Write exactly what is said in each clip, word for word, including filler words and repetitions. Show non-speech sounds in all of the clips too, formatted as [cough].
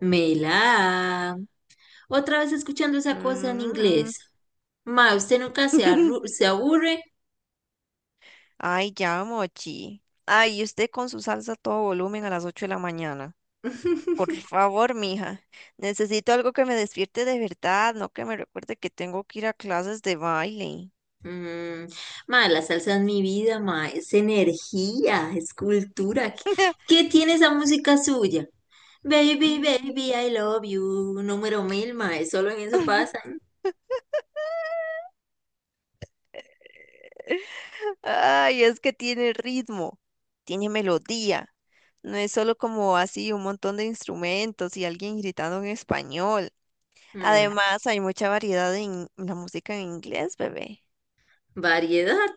Mela, otra vez escuchando esa cosa en Mm. inglés. Ma, usted nunca se, arru- [laughs] se aburre. Ay, ya, Mochi. Ay, y usted con su salsa a todo volumen a las ocho de la mañana. Por favor, mija. Necesito algo que me despierte de verdad, no que me recuerde que tengo que ir a clases de baile. Mm, ma, la salsa es mi vida, ma, es energía, es cultura. ¿Qué, [laughs] qué tiene esa música suya? Baby, baby, I love you. Número mil, ma, es solo en eso pasa. Ay, es que tiene ritmo, tiene melodía. No es solo como así un montón de instrumentos y alguien gritando en español. Mm, Además, hay mucha variedad en la música en inglés, bebé. variedad.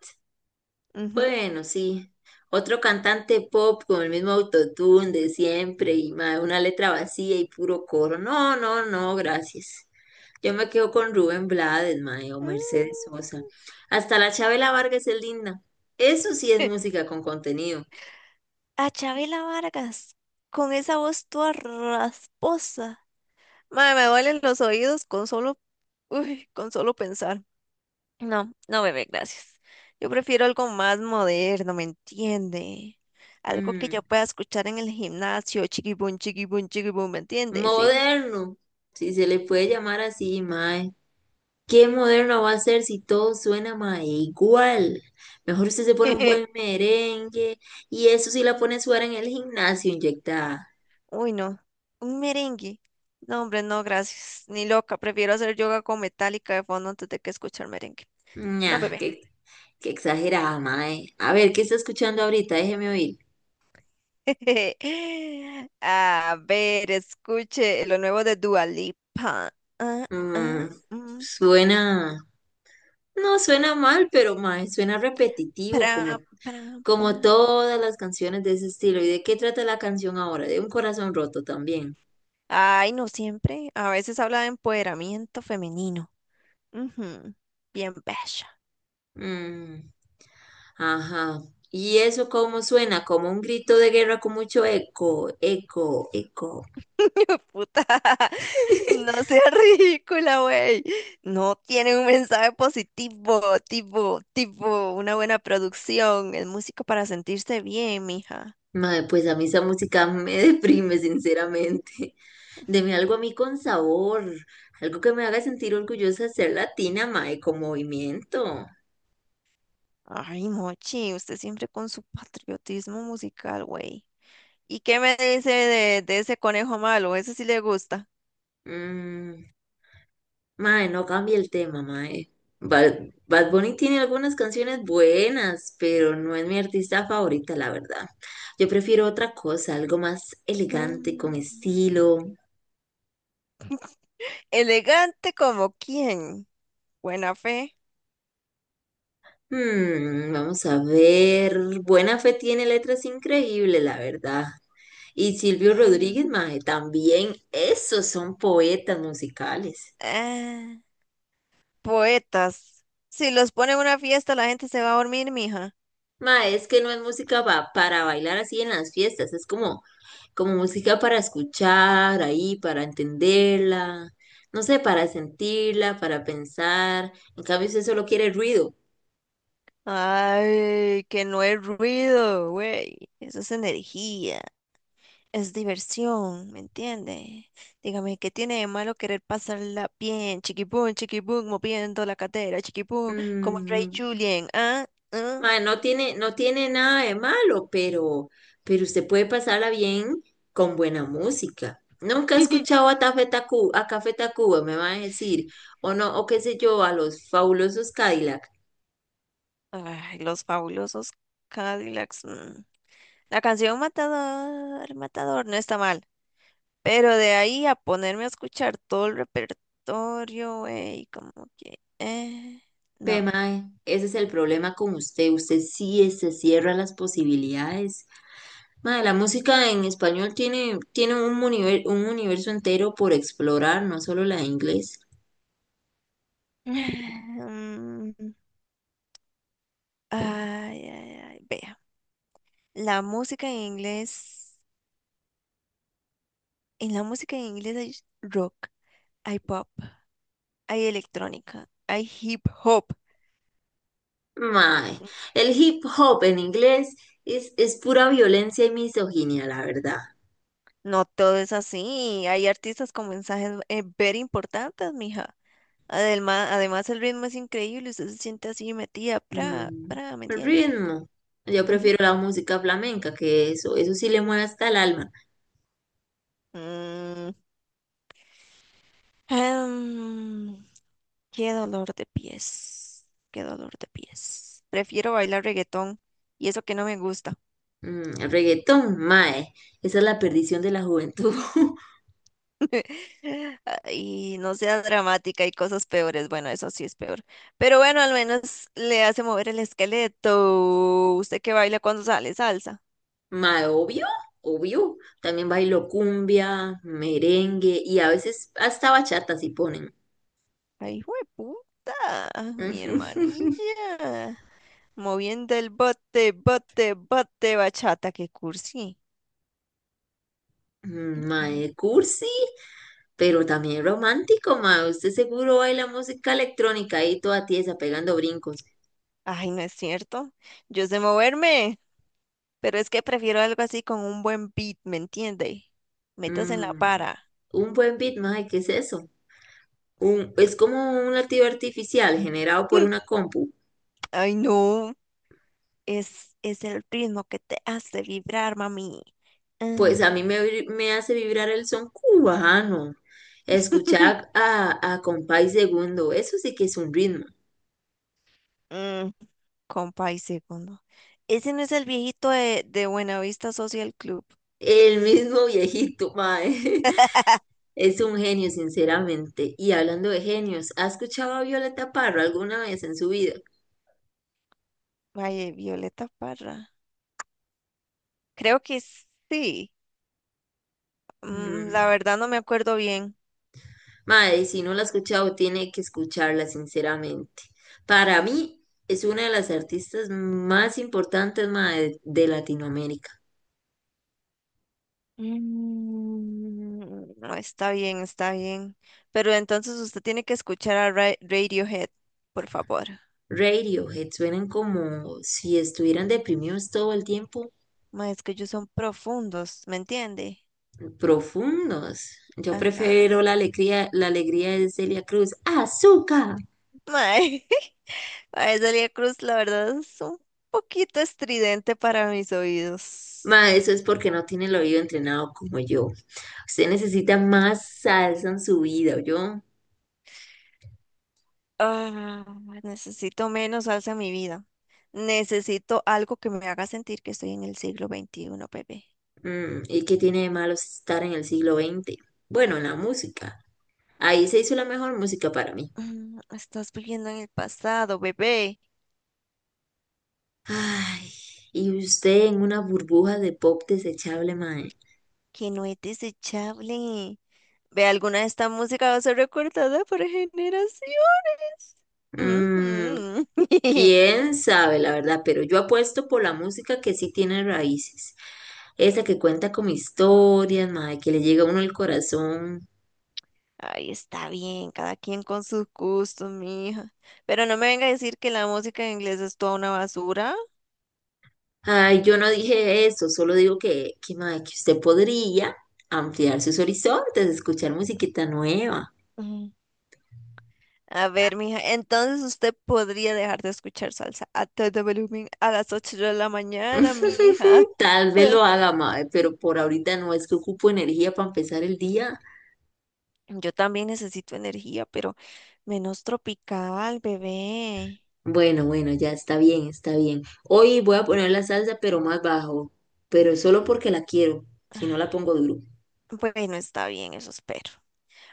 Ujú. Bueno, sí. Otro cantante pop con el mismo autotune de siempre y ma, una letra vacía y puro coro. No, no, no, gracias. Yo me quedo con Rubén Blades, mae, o Mm. Mercedes Sosa. Hasta la Chabela Vargas es linda. Eso sí es [laughs] música con contenido. A Chabela Vargas, con esa voz toda rasposa. Mae, me duelen los oídos con solo, uy, con solo pensar. No, no, bebé, gracias. Yo prefiero algo más moderno, ¿me entiende? Algo que yo Mm, pueda escuchar en el gimnasio, chiquibum, chiquibum, chiquibum, ¿me entiende? Sí. Moderno, si se le puede llamar así, mae. ¿Qué moderno va a ser si todo suena, mae, igual? Mejor usted se pone un buen [laughs] merengue y eso sí la pone a sudar en el gimnasio inyectada. Uy, no. Un merengue. No, hombre, no, gracias. Ni loca. Prefiero hacer yoga con metálica de fondo antes de que escuchar merengue. No, Ñah, bebé. qué, qué exagerada, mae. A ver, ¿qué está escuchando ahorita? Déjeme oír. [laughs] A ver, escuche lo nuevo de Dua Lipa. Ah, Mm, ah, mm, suena. No suena mal, pero mae, suena repetitivo, como, pra, pra, como pra. todas las canciones de ese estilo. ¿Y de qué trata la canción ahora? De un corazón roto también. Ay, no siempre. A veces habla de empoderamiento femenino. Ujú, bien bella. Mm, ajá. ¿Y eso cómo suena? Como un grito de guerra con mucho eco, eco, eco. [laughs] Puta. [laughs] No [laughs] sea ridícula, güey. No tiene un mensaje positivo, tipo, tipo, una buena producción. Es música para sentirse bien, mija. Mae, pues a mí esa música me deprime, sinceramente. Deme algo a mí con sabor, algo que me haga sentir orgullosa de ser latina, mae, con movimiento. Ay, Mochi, usted siempre con su patriotismo musical, güey. ¿Y qué me dice de, de ese conejo malo? Ese sí le gusta. Mm. Mae, no cambie el tema, mae. Bad, Bad Bunny tiene algunas canciones buenas, pero no es mi artista favorita, la verdad. Yo prefiero otra cosa, algo más elegante, con Mm. estilo. Elegante como quién. Buena fe. Hmm, vamos a ver. Buena Fe tiene letras increíbles, la verdad. Y Silvio Rodríguez, Mm. mae, también. Esos son poetas musicales. Ah, poetas. Si los pone en una fiesta, la gente se va a dormir, mija. Mae, es que no es música pa- para bailar así en las fiestas, es como como música para escuchar ahí, para entenderla, no sé, para sentirla, para pensar. En cambio, si usted solo quiere ruido. Ay, que no hay ruido, güey. Eso es energía. Es diversión, ¿me entiende? Dígame, ¿qué tiene de malo querer pasarla bien? Chiquipum, chiquipum, moviendo la cadera, chiquipum, como el Rey Mm, Julien, ¿ah? ¿Ah? mae, no tiene, no tiene nada de malo, pero, pero usted puede pasarla bien con buena música. Nunca he [laughs] escuchado a, Café Tacu a Café Tacuba, me va a decir, o no, o qué sé yo, a los fabulosos Cadillac. Ay, los fabulosos Cadillacs. Mm. La canción Matador, Matador no está mal, pero de ahí a ponerme a escuchar todo el repertorio, güey, como que, eh, Ve, no. mae, ese es el problema con usted. Usted sí se cierra las posibilidades. Mae, la música en español tiene, tiene un, univer- un universo entero por explorar, no solo la de inglés. [laughs] [sighs] Mm, ay, ay, ay, vea. La música en inglés. En la música en inglés hay rock, hay pop, hay electrónica, hay hip hop. Mae, el hip hop en inglés es, es pura violencia y misoginia, la verdad. No todo es así. Hay artistas con mensajes eh, ver importantes, mija. Además, además el ritmo es increíble. Usted se siente así metida, pra, Mm, pra, ¿me el entiende? ritmo. Yo Ujú. prefiero la música flamenca, que eso, eso sí le mueve hasta el alma. Mm, em, qué dolor de pies. Qué dolor de pies. Prefiero bailar reggaetón y eso que no me gusta. Mm, el reggaetón, mae, esa es la perdición de la juventud. [laughs] [laughs] Y no sea dramática, hay cosas peores. Bueno, eso sí es peor. Pero bueno, al menos le hace mover el esqueleto. ¿Usted que baila cuando sale salsa? Mae, obvio, obvio. También bailo cumbia, merengue y a veces hasta bachata si ponen. Ay, puta, mi [laughs] hermanilla. Moviendo el bote, bote, bote, bachata, qué cursi. Ujú. Mae, cursi, pero también romántico, mae. Usted seguro baila música electrónica ahí toda tiesa, pegando brincos. Ay, no es cierto. Yo sé moverme, pero es que prefiero algo así con un buen beat, ¿me entiende? Metas en la Mm, para. un buen beat, mae, ¿qué es eso? Un, es como un latido artificial generado por una [laughs] compu. Ay, no. Es, es el ritmo que te hace vibrar, mami. Pues a Mm, mí me, vibr- me hace vibrar el son cubano. Escuchar [laughs] a, a Compay Segundo, eso sí que es un ritmo. mm, compa y segundo. Ese no es el viejito de, de Buenavista Social Club. El mismo viejito, mae. [laughs] [laughs] Es un genio, sinceramente. Y hablando de genios, ¿ha escuchado a Violeta Parra alguna vez en su vida? Vaya, Violeta Parra. Creo que sí. Mm, la Mm, verdad no me acuerdo bien. Madre, si no la ha escuchado, tiene que escucharla, sinceramente. Para mí, es una de las artistas más importantes, madre, de Latinoamérica. Mm, no, está bien, está bien. Pero entonces usted tiene que escuchar a Ra- Radiohead, por favor. Radiohead suenan como si estuvieran deprimidos todo el tiempo, Ma, es que ellos son profundos, ¿me entiende? profundos. Yo Ajá. prefiero la alegría, la alegría de Celia Cruz. ¡Azúcar! [laughs] Ma, ay, Celia Cruz, la verdad es un poquito estridente para mis oídos. Ma, eso es porque no tiene el oído entrenado como yo. Usted necesita más salsa en su vida, yo. Ah, necesito menos salsa en mi vida. Necesito algo que me haga sentir que estoy en el siglo veintiuno, bebé. ¿Y qué tiene de malo estar en el siglo veinte? Bueno, en la música. Ahí se hizo la mejor música para mí. Mm, estás viviendo en el pasado, bebé, Ay, y usted en una burbuja de pop desechable, mae. que no es desechable. Ve, alguna de esta música va a ser recordada por generaciones. Mm, Ujú. [laughs] quién sabe, la verdad, pero yo apuesto por la música que sí tiene raíces. Esa que cuenta con historias, mae, que le llega a uno el corazón. Ay, está bien, cada quien con sus gustos, mi hija. Pero no me venga a decir que la música en inglés es toda una basura. Ay, yo no dije eso, solo digo que, que, mae, que usted podría ampliar sus horizontes, escuchar musiquita nueva. Mm. A ver, mija, entonces usted podría dejar de escuchar salsa a todo volumen a las ocho de la mañana, mija. [laughs] Tal vez lo haga, mae, pero por ahorita no es que ocupo energía para empezar el día. Yo también necesito energía, pero menos tropical, bebé. Bueno, bueno, ya está bien, está bien. Hoy voy a poner la salsa, pero más bajo, pero solo porque la quiero, si no la pongo duro. Bueno, está bien, eso espero.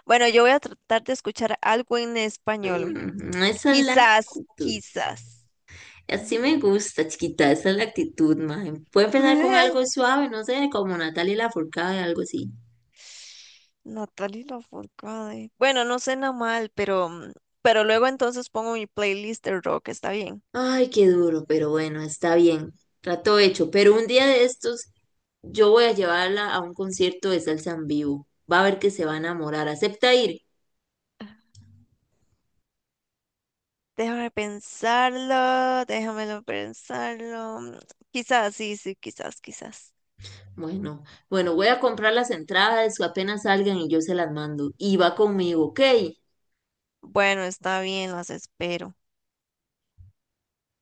Bueno, yo voy a tratar de escuchar algo en español. Mm, esa es la Quizás, actitud. quizás. Así me gusta, chiquita, esa es la actitud, mae. Puede empezar con algo [laughs] suave, no sé, como Natalia Lafourcade, algo así. Natalie Lafourcade. Bueno, no suena mal, pero, mm, pero luego entonces pongo mi playlist de rock, está bien. Ay, qué duro, pero bueno, está bien. Trato hecho. Pero un día de estos, yo voy a llevarla a un concierto de salsa en vivo. Va a ver que se va a enamorar. ¿Acepta ir? Déjame pensarlo, déjamelo pensarlo. Mm, quizás, sí, sí, quizás, quizás. Bueno, bueno, voy a comprar las entradas, apenas salgan y yo se las mando. Y va conmigo, ¿ok? Bueno, está bien, las espero.